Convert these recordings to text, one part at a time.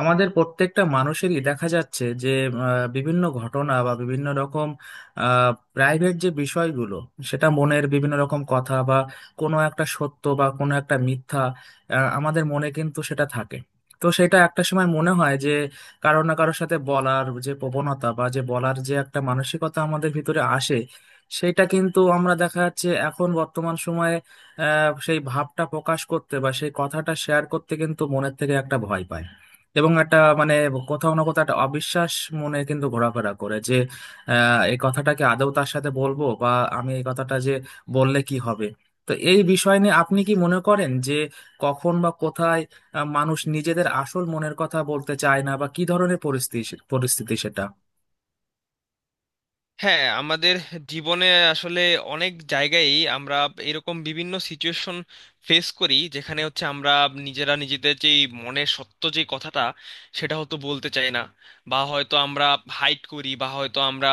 আমাদের প্রত্যেকটা মানুষেরই দেখা যাচ্ছে যে বিভিন্ন ঘটনা বা বিভিন্ন রকম প্রাইভেট যে বিষয়গুলো, সেটা মনের বিভিন্ন রকম কথা বা কোনো একটা সত্য বা কোনো একটা মিথ্যা, আমাদের মনে কিন্তু সেটা থাকে। তো সেটা একটা সময় মনে হয় যে কারো না কারোর সাথে বলার যে প্রবণতা বা যে বলার যে একটা মানসিকতা আমাদের ভিতরে আসে, সেটা কিন্তু আমরা দেখা যাচ্ছে এখন বর্তমান সময়ে সেই ভাবটা প্রকাশ করতে বা সেই কথাটা শেয়ার করতে কিন্তু মনের থেকে একটা ভয় পায়। এবং একটা মানে কোথাও না কোথাও একটা অবিশ্বাস মনে কিন্তু ঘোরাফেরা করে যে এই কথাটাকে আদৌ তার সাথে বলবো বা আমি এই কথাটা যে বললে কি হবে। তো এই বিষয় নিয়ে আপনি কি মনে করেন যে কখন বা কোথায় মানুষ নিজেদের আসল মনের কথা বলতে চায় না বা কি ধরনের পরিস্থিতি পরিস্থিতি সেটা। হ্যাঁ, আমাদের জীবনে আসলে অনেক জায়গায়ই আমরা এরকম বিভিন্ন সিচুয়েশন ফেস করি, যেখানে হচ্ছে আমরা নিজেরা নিজেদের যেই মনের সত্য যে কথাটা সেটা হয়তো বলতে চাই না, বা হয়তো আমরা হাইড করি, বা হয়তো আমরা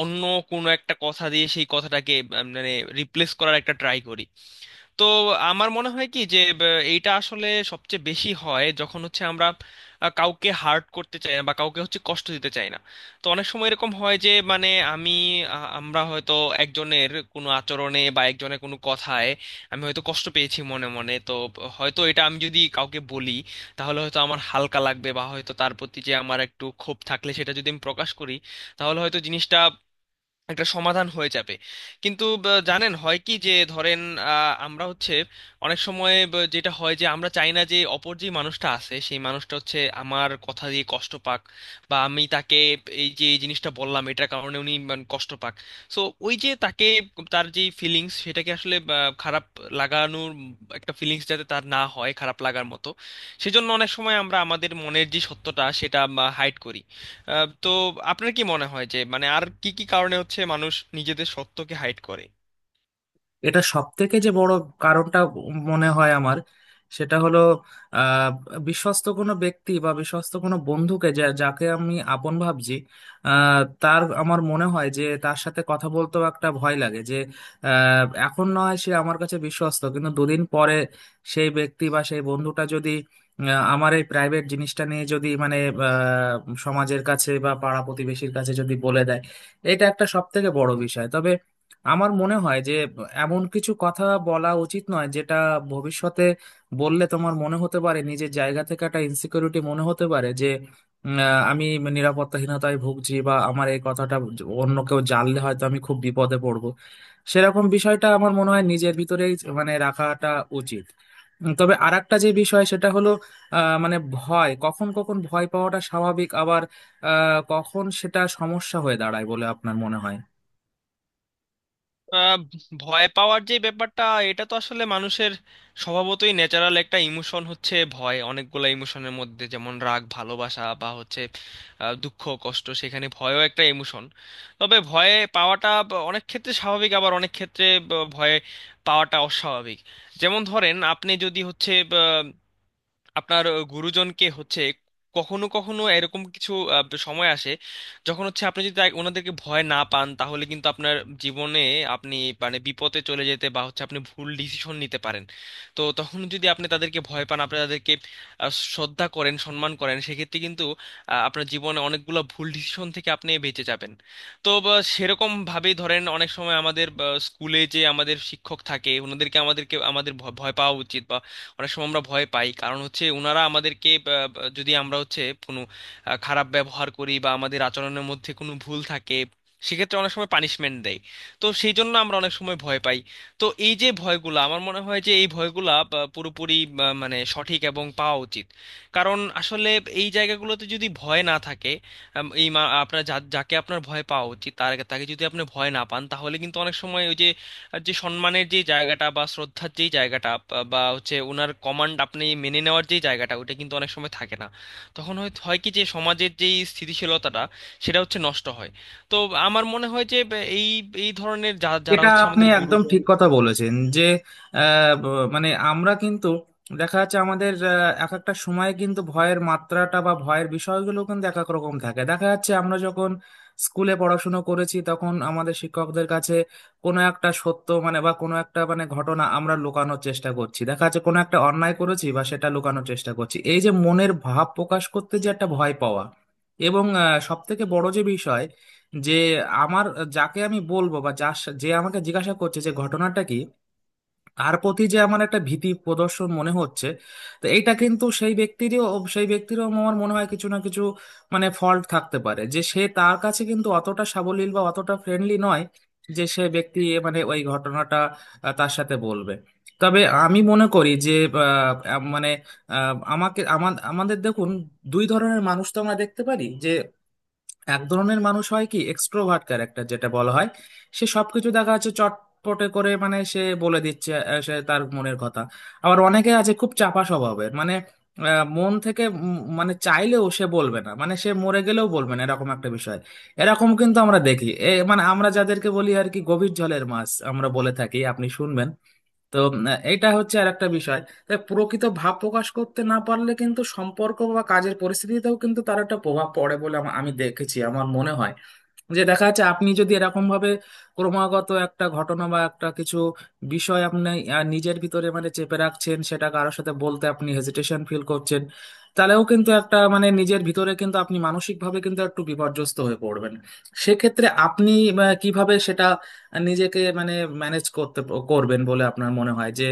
অন্য কোনো একটা কথা দিয়ে সেই কথাটাকে মানে রিপ্লেস করার একটা ট্রাই করি। তো আমার মনে হয় কি যে এইটা আসলে সবচেয়ে বেশি হয় যখন হচ্ছে আমরা কাউকে হার্ট করতে চাই না বা কাউকে হচ্ছে কষ্ট দিতে চাই না। তো অনেক সময় এরকম হয় যে মানে আমি আমরা হয়তো একজনের কোনো আচরণে বা একজনের কোনো কথায় আমি হয়তো কষ্ট পেয়েছি মনে মনে। তো হয়তো এটা আমি যদি কাউকে বলি তাহলে হয়তো আমার হালকা লাগবে, বা হয়তো তার প্রতি যে আমার একটু ক্ষোভ থাকলে সেটা যদি আমি প্রকাশ করি তাহলে হয়তো জিনিসটা একটা সমাধান হয়ে যাবে। কিন্তু জানেন হয় কি যে ধরেন আমরা হচ্ছে অনেক সময় যেটা হয় যে আমরা চাই না যে অপর যে মানুষটা আছে সেই মানুষটা হচ্ছে আমার কথা দিয়ে কষ্ট পাক, বা আমি তাকে এই যে এই জিনিসটা বললাম এটার কারণে উনি মানে কষ্ট পাক। সো ওই যে তাকে তার যে ফিলিংস সেটাকে আসলে খারাপ লাগানোর একটা ফিলিংস, যাতে তার না হয় খারাপ লাগার মতো, সেজন্য অনেক সময় আমরা আমাদের মনের যে সত্যটা সেটা হাইড করি। তো আপনার কি মনে হয় যে মানে আর কি কি কারণে হচ্ছে মানুষ নিজেদের সত্যকে হাইড করে? এটা সব থেকে যে বড় কারণটা মনে হয় আমার, সেটা হলো আহ, বিশ্বস্ত কোনো ব্যক্তি বা বিশ্বস্ত কোনো বন্ধুকে, যাকে আমি আপন ভাবছি, তার আমার মনে হয় যে তার সাথে কথা বলতেও একটা ভয় লাগে যে এখন নয় সে আমার কাছে বিশ্বস্ত কিন্তু দুদিন পরে সেই ব্যক্তি বা সেই বন্ধুটা যদি আহ, আমার এই প্রাইভেট জিনিসটা নিয়ে যদি মানে সমাজের কাছে বা পাড়া প্রতিবেশীর কাছে যদি বলে দেয়। এটা একটা সব থেকে বড় বিষয়। তবে আমার মনে হয় যে এমন কিছু কথা বলা উচিত নয় যেটা ভবিষ্যতে বললে তোমার মনে হতে পারে নিজের জায়গা থেকে একটা ইনসিকিউরিটি মনে হতে পারে যে আমি নিরাপত্তাহীনতায় ভুগছি বা আমার এই কথাটা অন্য কেউ জানলে হয়তো আমি খুব বিপদে পড়বো। সেরকম বিষয়টা আমার মনে হয় নিজের ভিতরেই মানে রাখাটা উচিত। তবে আরেকটা যে বিষয় সেটা হলো মানে ভয় কখন কখন ভয় পাওয়াটা স্বাভাবিক আবার কখন সেটা সমস্যা হয়ে দাঁড়ায় বলে আপনার মনে হয়। আহ, ভয় পাওয়ার যে ব্যাপারটা, এটা তো আসলে মানুষের স্বভাবতই ন্যাচারাল একটা ইমোশন। হচ্ছে ভয় অনেকগুলো ইমোশনের মধ্যে, যেমন রাগ, ভালোবাসা, বা হচ্ছে দুঃখ, কষ্ট, সেখানে ভয়ও একটা ইমোশন। তবে ভয়ে পাওয়াটা অনেক ক্ষেত্রে স্বাভাবিক, আবার অনেক ক্ষেত্রে ভয়ে পাওয়াটা অস্বাভাবিক। যেমন ধরেন আপনি যদি হচ্ছে আপনার গুরুজনকে হচ্ছে কখনো কখনো এরকম কিছু সময় আসে যখন হচ্ছে আপনি যদি ওনাদেরকে ভয় না পান, তাহলে কিন্তু আপনার জীবনে আপনি মানে বিপদে চলে যেতে, বা হচ্ছে আপনি ভুল ডিসিশন নিতে পারেন। তো তখন যদি আপনি তাদেরকে ভয় পান, আপনি তাদেরকে শ্রদ্ধা করেন, সম্মান করেন, সেক্ষেত্রে কিন্তু আপনার জীবনে অনেকগুলো ভুল ডিসিশন থেকে আপনি বেঁচে যাবেন। তো সেরকম ভাবেই ধরেন, অনেক সময় আমাদের স্কুলে যে আমাদের শিক্ষক থাকে, ওনাদেরকে আমাদেরকে আমাদের ভয় পাওয়া উচিত। অনেক সময় আমরা ভয় পাই, কারণ হচ্ছে ওনারা আমাদেরকে আহ, যদি আমরা হচ্ছে কোনো খারাপ ব্যবহার করি বা আমাদের আচরণের মধ্যে কোনো ভুল থাকে, সেক্ষেত্রে অনেক সময় পানিশমেন্ট দেয়। তো সেই জন্য আমরা অনেক সময় ভয় পাই। তো এই যে ভয়গুলা, আমার মনে হয় যে এই ভয়গুলা পুরোপুরি মানে সঠিক এবং পাওয়া উচিত। কারণ আসলে এই জায়গাগুলোতে যদি ভয় না থাকে, আপনার যাকে আপনার ভয় পাওয়া উচিত তার তাকে যদি আপনি ভয় না পান, তাহলে কিন্তু অনেক সময় ওই যে আর যে সম্মানের যে জায়গাটা বা শ্রদ্ধার যে জায়গাটা বা বা হচ্ছে ওনার কমান্ড আপনি মেনে নেওয়ার যে জায়গাটা, ওটা কিন্তু অনেক সময় থাকে না। তখন হয় হয় কি যে সমাজের যে স্থিতিশীলতাটা সেটা হচ্ছে নষ্ট হয়। তো আমার মনে হয় যে এই এই ধরনের যারা এটা হচ্ছে আপনি আমাদের একদম গুরুজন। ঠিক কথা বলেছেন যে মানে আমরা কিন্তু দেখা যাচ্ছে আমাদের এক একটা সময়ে কিন্তু ভয়ের মাত্রাটা বা ভয়ের বিষয়গুলো কিন্তু এক এক রকম থাকে। দেখা যাচ্ছে আমরা যখন স্কুলে পড়াশুনো করেছি তখন আমাদের শিক্ষকদের কাছে কোনো একটা সত্য মানে বা কোনো একটা মানে ঘটনা আমরা লুকানোর চেষ্টা করছি, দেখা যাচ্ছে কোনো একটা অন্যায় করেছি বা সেটা লুকানোর চেষ্টা করছি, এই যে মনের ভাব প্রকাশ করতে যে একটা ভয় পাওয়া। এবং সব থেকে বড় যে বিষয় যে আমার, যাকে আমি বলবো বা যে আমাকে জিজ্ঞাসা করছে যে ঘটনাটা কি, তার প্রতি যে আমার একটা ভীতি প্রদর্শন মনে হচ্ছে। তো এইটা কিন্তু সেই ব্যক্তিরও, সেই ব্যক্তিরও আমার মনে হয় কিছু না কিছু মানে ফল্ট থাকতে পারে যে সে তার কাছে কিন্তু অতটা সাবলীল বা অতটা ফ্রেন্ডলি নয় যে সে ব্যক্তি মানে ওই ঘটনাটা তার সাথে বলবে। তবে আমি মনে করি যে মানে আমাকে আমার আমাদের দেখুন, দুই ধরনের মানুষ তো আমরা দেখতে পারি যে এক ধরনের মানুষ হয় কি এক্সট্রোভার্ট ক্যারেক্টার যেটা বলা হয়, সে সবকিছু দেখা যাচ্ছে চটপটে করে মানে সে বলে দিচ্ছে সে তার মনের কথা। আবার অনেকে আছে খুব চাপা স্বভাবের মানে মন থেকে মানে চাইলেও সে বলবে না, মানে সে মরে গেলেও বলবে না এরকম একটা বিষয়। এরকম কিন্তু আমরা দেখি, এ মানে আমরা যাদেরকে বলি আর কি গভীর জলের মাছ আমরা বলে থাকি, আপনি শুনবেন। তো এটা হচ্ছে আর একটা বিষয়। তাই প্রকৃত ভাব প্রকাশ করতে না পারলে কিন্তু সম্পর্ক বা কাজের পরিস্থিতিতেও কিন্তু তার একটা প্রভাব পড়ে বলে আমি দেখেছি আমার মনে হয়। যে দেখা যাচ্ছে আপনি যদি এরকম ভাবে ক্রমাগত একটা ঘটনা বা একটা কিছু বিষয় আপনি নিজের ভিতরে মানে চেপে রাখছেন, সেটা কারোর সাথে বলতে আপনি হেজিটেশন ফিল করছেন, তাহলেও কিন্তু একটা মানে নিজের ভিতরে কিন্তু আপনি মানসিকভাবে কিন্তু একটু বিপর্যস্ত হয়ে পড়বেন। সেক্ষেত্রে আপনি কিভাবে সেটা নিজেকে মানে ম্যানেজ করতে করবেন বলে আপনার মনে হয় যে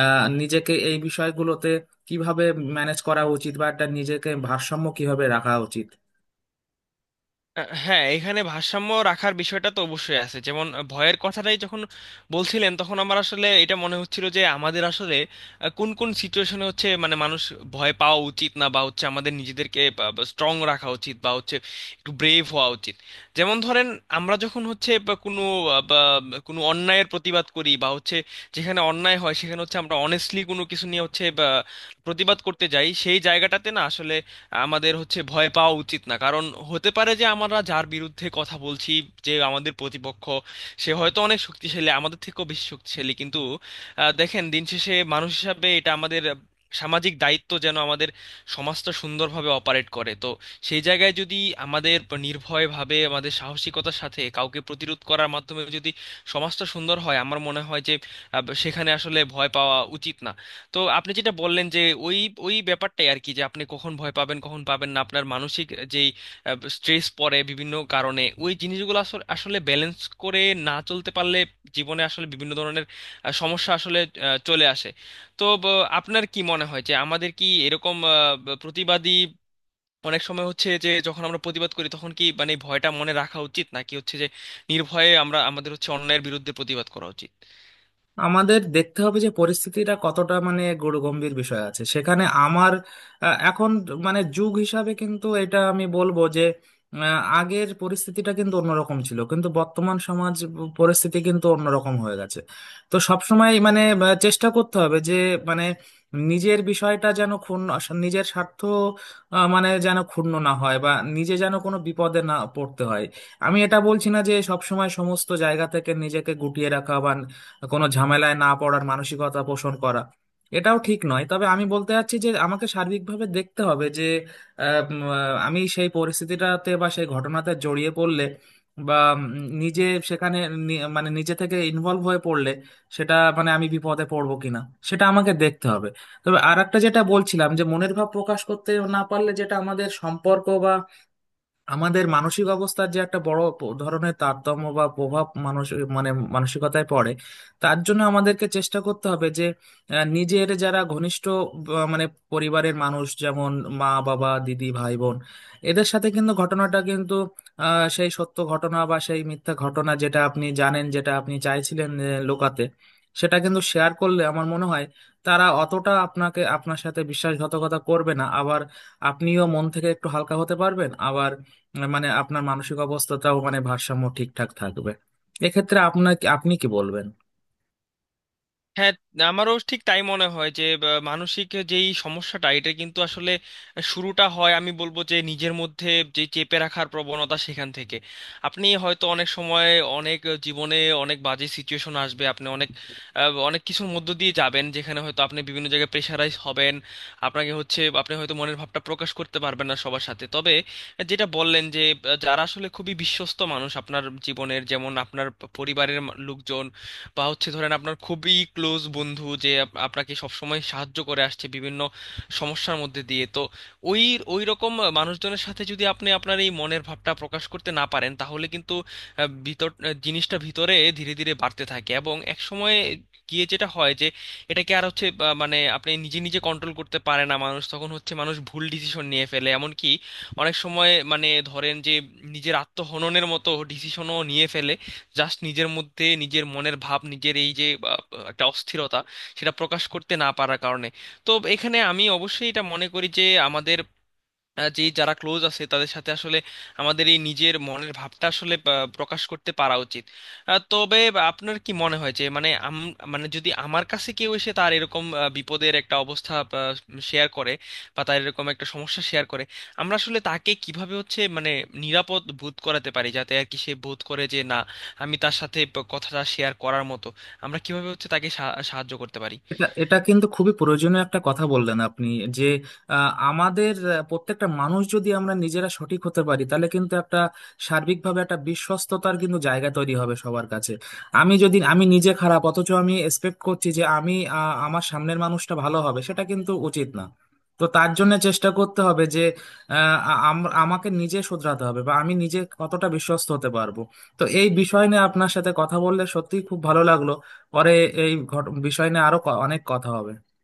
নিজেকে এই বিষয়গুলোতে কিভাবে ম্যানেজ করা উচিত বা একটা নিজেকে ভারসাম্য কিভাবে রাখা উচিত। হ্যাঁ, এখানে ভারসাম্য রাখার বিষয়টা তো অবশ্যই আছে। যেমন ভয়ের কথাটাই যখন বলছিলেন, তখন আমার আসলে এটা মনে হচ্ছিল যে আমাদের আসলে কোন কোন সিচুয়েশনে হচ্ছে মানে মানুষ ভয় পাওয়া উচিত না, বা হচ্ছে আমাদের নিজেদেরকে স্ট্রং রাখা উচিত, বা হচ্ছে একটু ব্রেভ হওয়া উচিত। যেমন ধরেন আমরা যখন হচ্ছে বা কোনো আহ, বা কোনো অন্যায়ের প্রতিবাদ করি বা হচ্ছে যেখানে অন্যায় হয়, সেখানে হচ্ছে আমরা অনেস্টলি কোনো কিছু নিয়ে হচ্ছে বা প্রতিবাদ করতে যাই, সেই জায়গাটাতে না আসলে আমাদের হচ্ছে ভয় পাওয়া উচিত না। কারণ হতে পারে যে আমরা যার বিরুদ্ধে কথা বলছি, যে আমাদের প্রতিপক্ষ, সে হয়তো অনেক শক্তিশালী, আমাদের থেকেও বেশি শক্তিশালী, কিন্তু দেখেন, দিন শেষে মানুষ হিসাবে এটা আমাদের সামাজিক দায়িত্ব যেন আমাদের সমাজটা সুন্দরভাবে অপারেট করে। তো সেই জায়গায় যদি আমাদের নির্ভয়ভাবে, আমাদের সাহসিকতার সাথে কাউকে প্রতিরোধ করার মাধ্যমে যদি সমাজটা সুন্দর হয়, আমার মনে হয় যে সেখানে আসলে ভয় পাওয়া উচিত না। তো আপনি যেটা বললেন যে ওই ওই ব্যাপারটাই আর কি, যে আপনি কখন ভয় পাবেন কখন পাবেন না, আপনার মানসিক যেই স্ট্রেস পড়ে বিভিন্ন কারণে, ওই জিনিসগুলো আসলে আসলে ব্যালেন্স করে না চলতে পারলে জীবনে আসলে বিভিন্ন ধরনের সমস্যা আসলে চলে আসে। তো আপনার কি মনে হয় যে আমাদের কি এরকম প্রতিবাদী, অনেক সময় হচ্ছে যে যখন আমরা প্রতিবাদ করি তখন কি মানে ভয়টা মনে রাখা উচিত, নাকি হচ্ছে যে নির্ভয়ে আমরা আমাদের হচ্ছে অন্যায়ের বিরুদ্ধে প্রতিবাদ করা উচিত? আমাদের দেখতে হবে যে পরিস্থিতিটা কতটা মানে গুরুগম্ভীর বিষয় আছে সেখানে আমার এখন মানে যুগ হিসাবে কিন্তু এটা আমি বলবো যে আগের পরিস্থিতিটা কিন্তু অন্যরকম ছিল কিন্তু বর্তমান সমাজ পরিস্থিতি কিন্তু অন্যরকম হয়ে গেছে। তো সবসময় মানে চেষ্টা করতে হবে যে মানে নিজের বিষয়টা যেন ক্ষুণ্ণ, নিজের স্বার্থ মানে যেন ক্ষুণ্ণ না হয় বা নিজে যেন কোনো বিপদে না পড়তে হয়। আমি এটা বলছি না যে সবসময় সমস্ত জায়গা থেকে নিজেকে গুটিয়ে রাখা, কোনো ঝামেলায় না পড়ার মানসিকতা পোষণ করা, এটাও ঠিক নয়। তবে আমি বলতে চাচ্ছি যে আমাকে সার্বিকভাবে দেখতে হবে যে আমি সেই পরিস্থিতিটাতে বা সেই ঘটনাতে জড়িয়ে পড়লে বা নিজে সেখানে মানে নিজে থেকে ইনভলভ হয়ে পড়লে সেটা মানে আমি বিপদে পড়বো কিনা সেটা আমাকে দেখতে হবে। তবে আর একটা যেটা বলছিলাম যে মনের ভাব প্রকাশ করতে না পারলে যেটা আমাদের সম্পর্ক, আমাদের মানসিক অবস্থার যে একটা বড় ধরনের তারতম্য বা প্রভাব মানুষ মানে মানসিকতায় পড়ে। তার জন্য আমাদেরকে চেষ্টা করতে হবে যে নিজের যারা ঘনিষ্ঠ মানে পরিবারের মানুষ যেমন মা বাবা দিদি ভাই বোন, এদের সাথে কিন্তু ঘটনাটা কিন্তু সেই সত্য ঘটনা বা সেই মিথ্যা ঘটনা যেটা আপনি জানেন, যেটা আপনি চাইছিলেন লোকাতে, সেটা কিন্তু শেয়ার করলে আমার মনে হয় তারা অতটা আপনাকে আপনার সাথে বিশ্বাসঘাতকতা করবে না। আবার আপনিও মন থেকে একটু হালকা হতে পারবেন, আবার মানে আপনার মানসিক অবস্থাটাও মানে ভারসাম্য ঠিকঠাক থাকবে। এক্ষেত্রে আপনার আপনি কি বলবেন। হ্যাঁ, আমারও ঠিক তাই মনে হয় যে মানসিক যেই সমস্যাটা, এটা কিন্তু আসলে শুরুটা হয়, আমি বলবো, যে নিজের মধ্যে যে চেপে রাখার প্রবণতা সেখান থেকে। আপনি হয়তো অনেক সময় অনেক জীবনে অনেক বাজে সিচুয়েশন আসবে, আপনি অনেক অনেক কিছুর মধ্য দিয়ে যাবেন যেখানে হয়তো আপনি বিভিন্ন জায়গায় প্রেশারাইজ হবেন, আপনাকে হচ্ছে আপনি হয়তো মনের ভাবটা প্রকাশ করতে পারবেন না সবার সাথে। তবে যেটা বললেন যে যারা আসলে খুবই বিশ্বস্ত মানুষ আপনার জীবনের, যেমন আপনার পরিবারের লোকজন, বা হচ্ছে ধরেন আপনার খুবই ক্লোজ বন্ধু যে আপনাকে সবসময় সাহায্য করে আসছে বিভিন্ন সমস্যার মধ্যে দিয়ে, তো ওই ওই রকম মানুষজনের সাথে যদি আপনি আপনার এই মনের ভাবটা প্রকাশ করতে না পারেন, তাহলে কিন্তু জিনিসটা ভিতরে ধীরে ধীরে বাড়তে থাকে এবং এক সময় গিয়ে যেটা হয় যে এটাকে আর হচ্ছে মানে আপনি নিজে নিজে কন্ট্রোল করতে পারে না মানুষ, তখন হচ্ছে মানুষ ভুল ডিসিশন নিয়ে ফেলে, এমনকি অনেক সময় মানে ধরেন যে নিজের আত্মহননের মতো ডিসিশনও নিয়ে ফেলে, জাস্ট নিজের মধ্যে নিজের মনের ভাব, নিজের এই যে আহ, একটা অস্থিরতা সেটা প্রকাশ করতে না পারার কারণে। তো এখানে আমি অবশ্যই এটা মনে করি যে আমাদের যে যারা ক্লোজ আছে তাদের সাথে আসলে আমাদের এই নিজের মনের ভাবটা আসলে প্রকাশ করতে পারা উচিত। তবে আপনার কি মনে হয় যে মানে মানে যদি আমার কাছে কেউ এসে তার এরকম বিপদের একটা অবস্থা শেয়ার করে, বা তার এরকম একটা সমস্যা শেয়ার করে, আমরা আসলে তাকে কিভাবে হচ্ছে মানে নিরাপদ বোধ করাতে পারি, যাতে আর কি সে বোধ করে যে না, আমি তার সাথে কথাটা শেয়ার করার মতো? আমরা কিভাবে হচ্ছে তাকে সাহায্য করতে পারি? এটা এটা কিন্তু খুবই প্রয়োজনীয় একটা কথা বললেন আপনি যে আমাদের প্রত্যেকটা মানুষ যদি আমরা নিজেরা সঠিক হতে পারি তাহলে কিন্তু একটা সার্বিকভাবে একটা বিশ্বস্ততার কিন্তু জায়গা তৈরি হবে সবার কাছে। আমি নিজে খারাপ অথচ আমি এক্সপেক্ট করছি যে আমি আমার সামনের মানুষটা ভালো হবে, সেটা কিন্তু উচিত না। তো তার জন্য চেষ্টা করতে হবে যে আহ, আমাকে নিজে শুধরাতে হবে বা আমি নিজে কতটা বিশ্বস্ত হতে পারবো। তো এই বিষয় নিয়ে আপনার সাথে কথা বললে সত্যিই খুব ভালো লাগলো। পরে এই বিষয় নিয়ে আরো অনেক কথা হবে।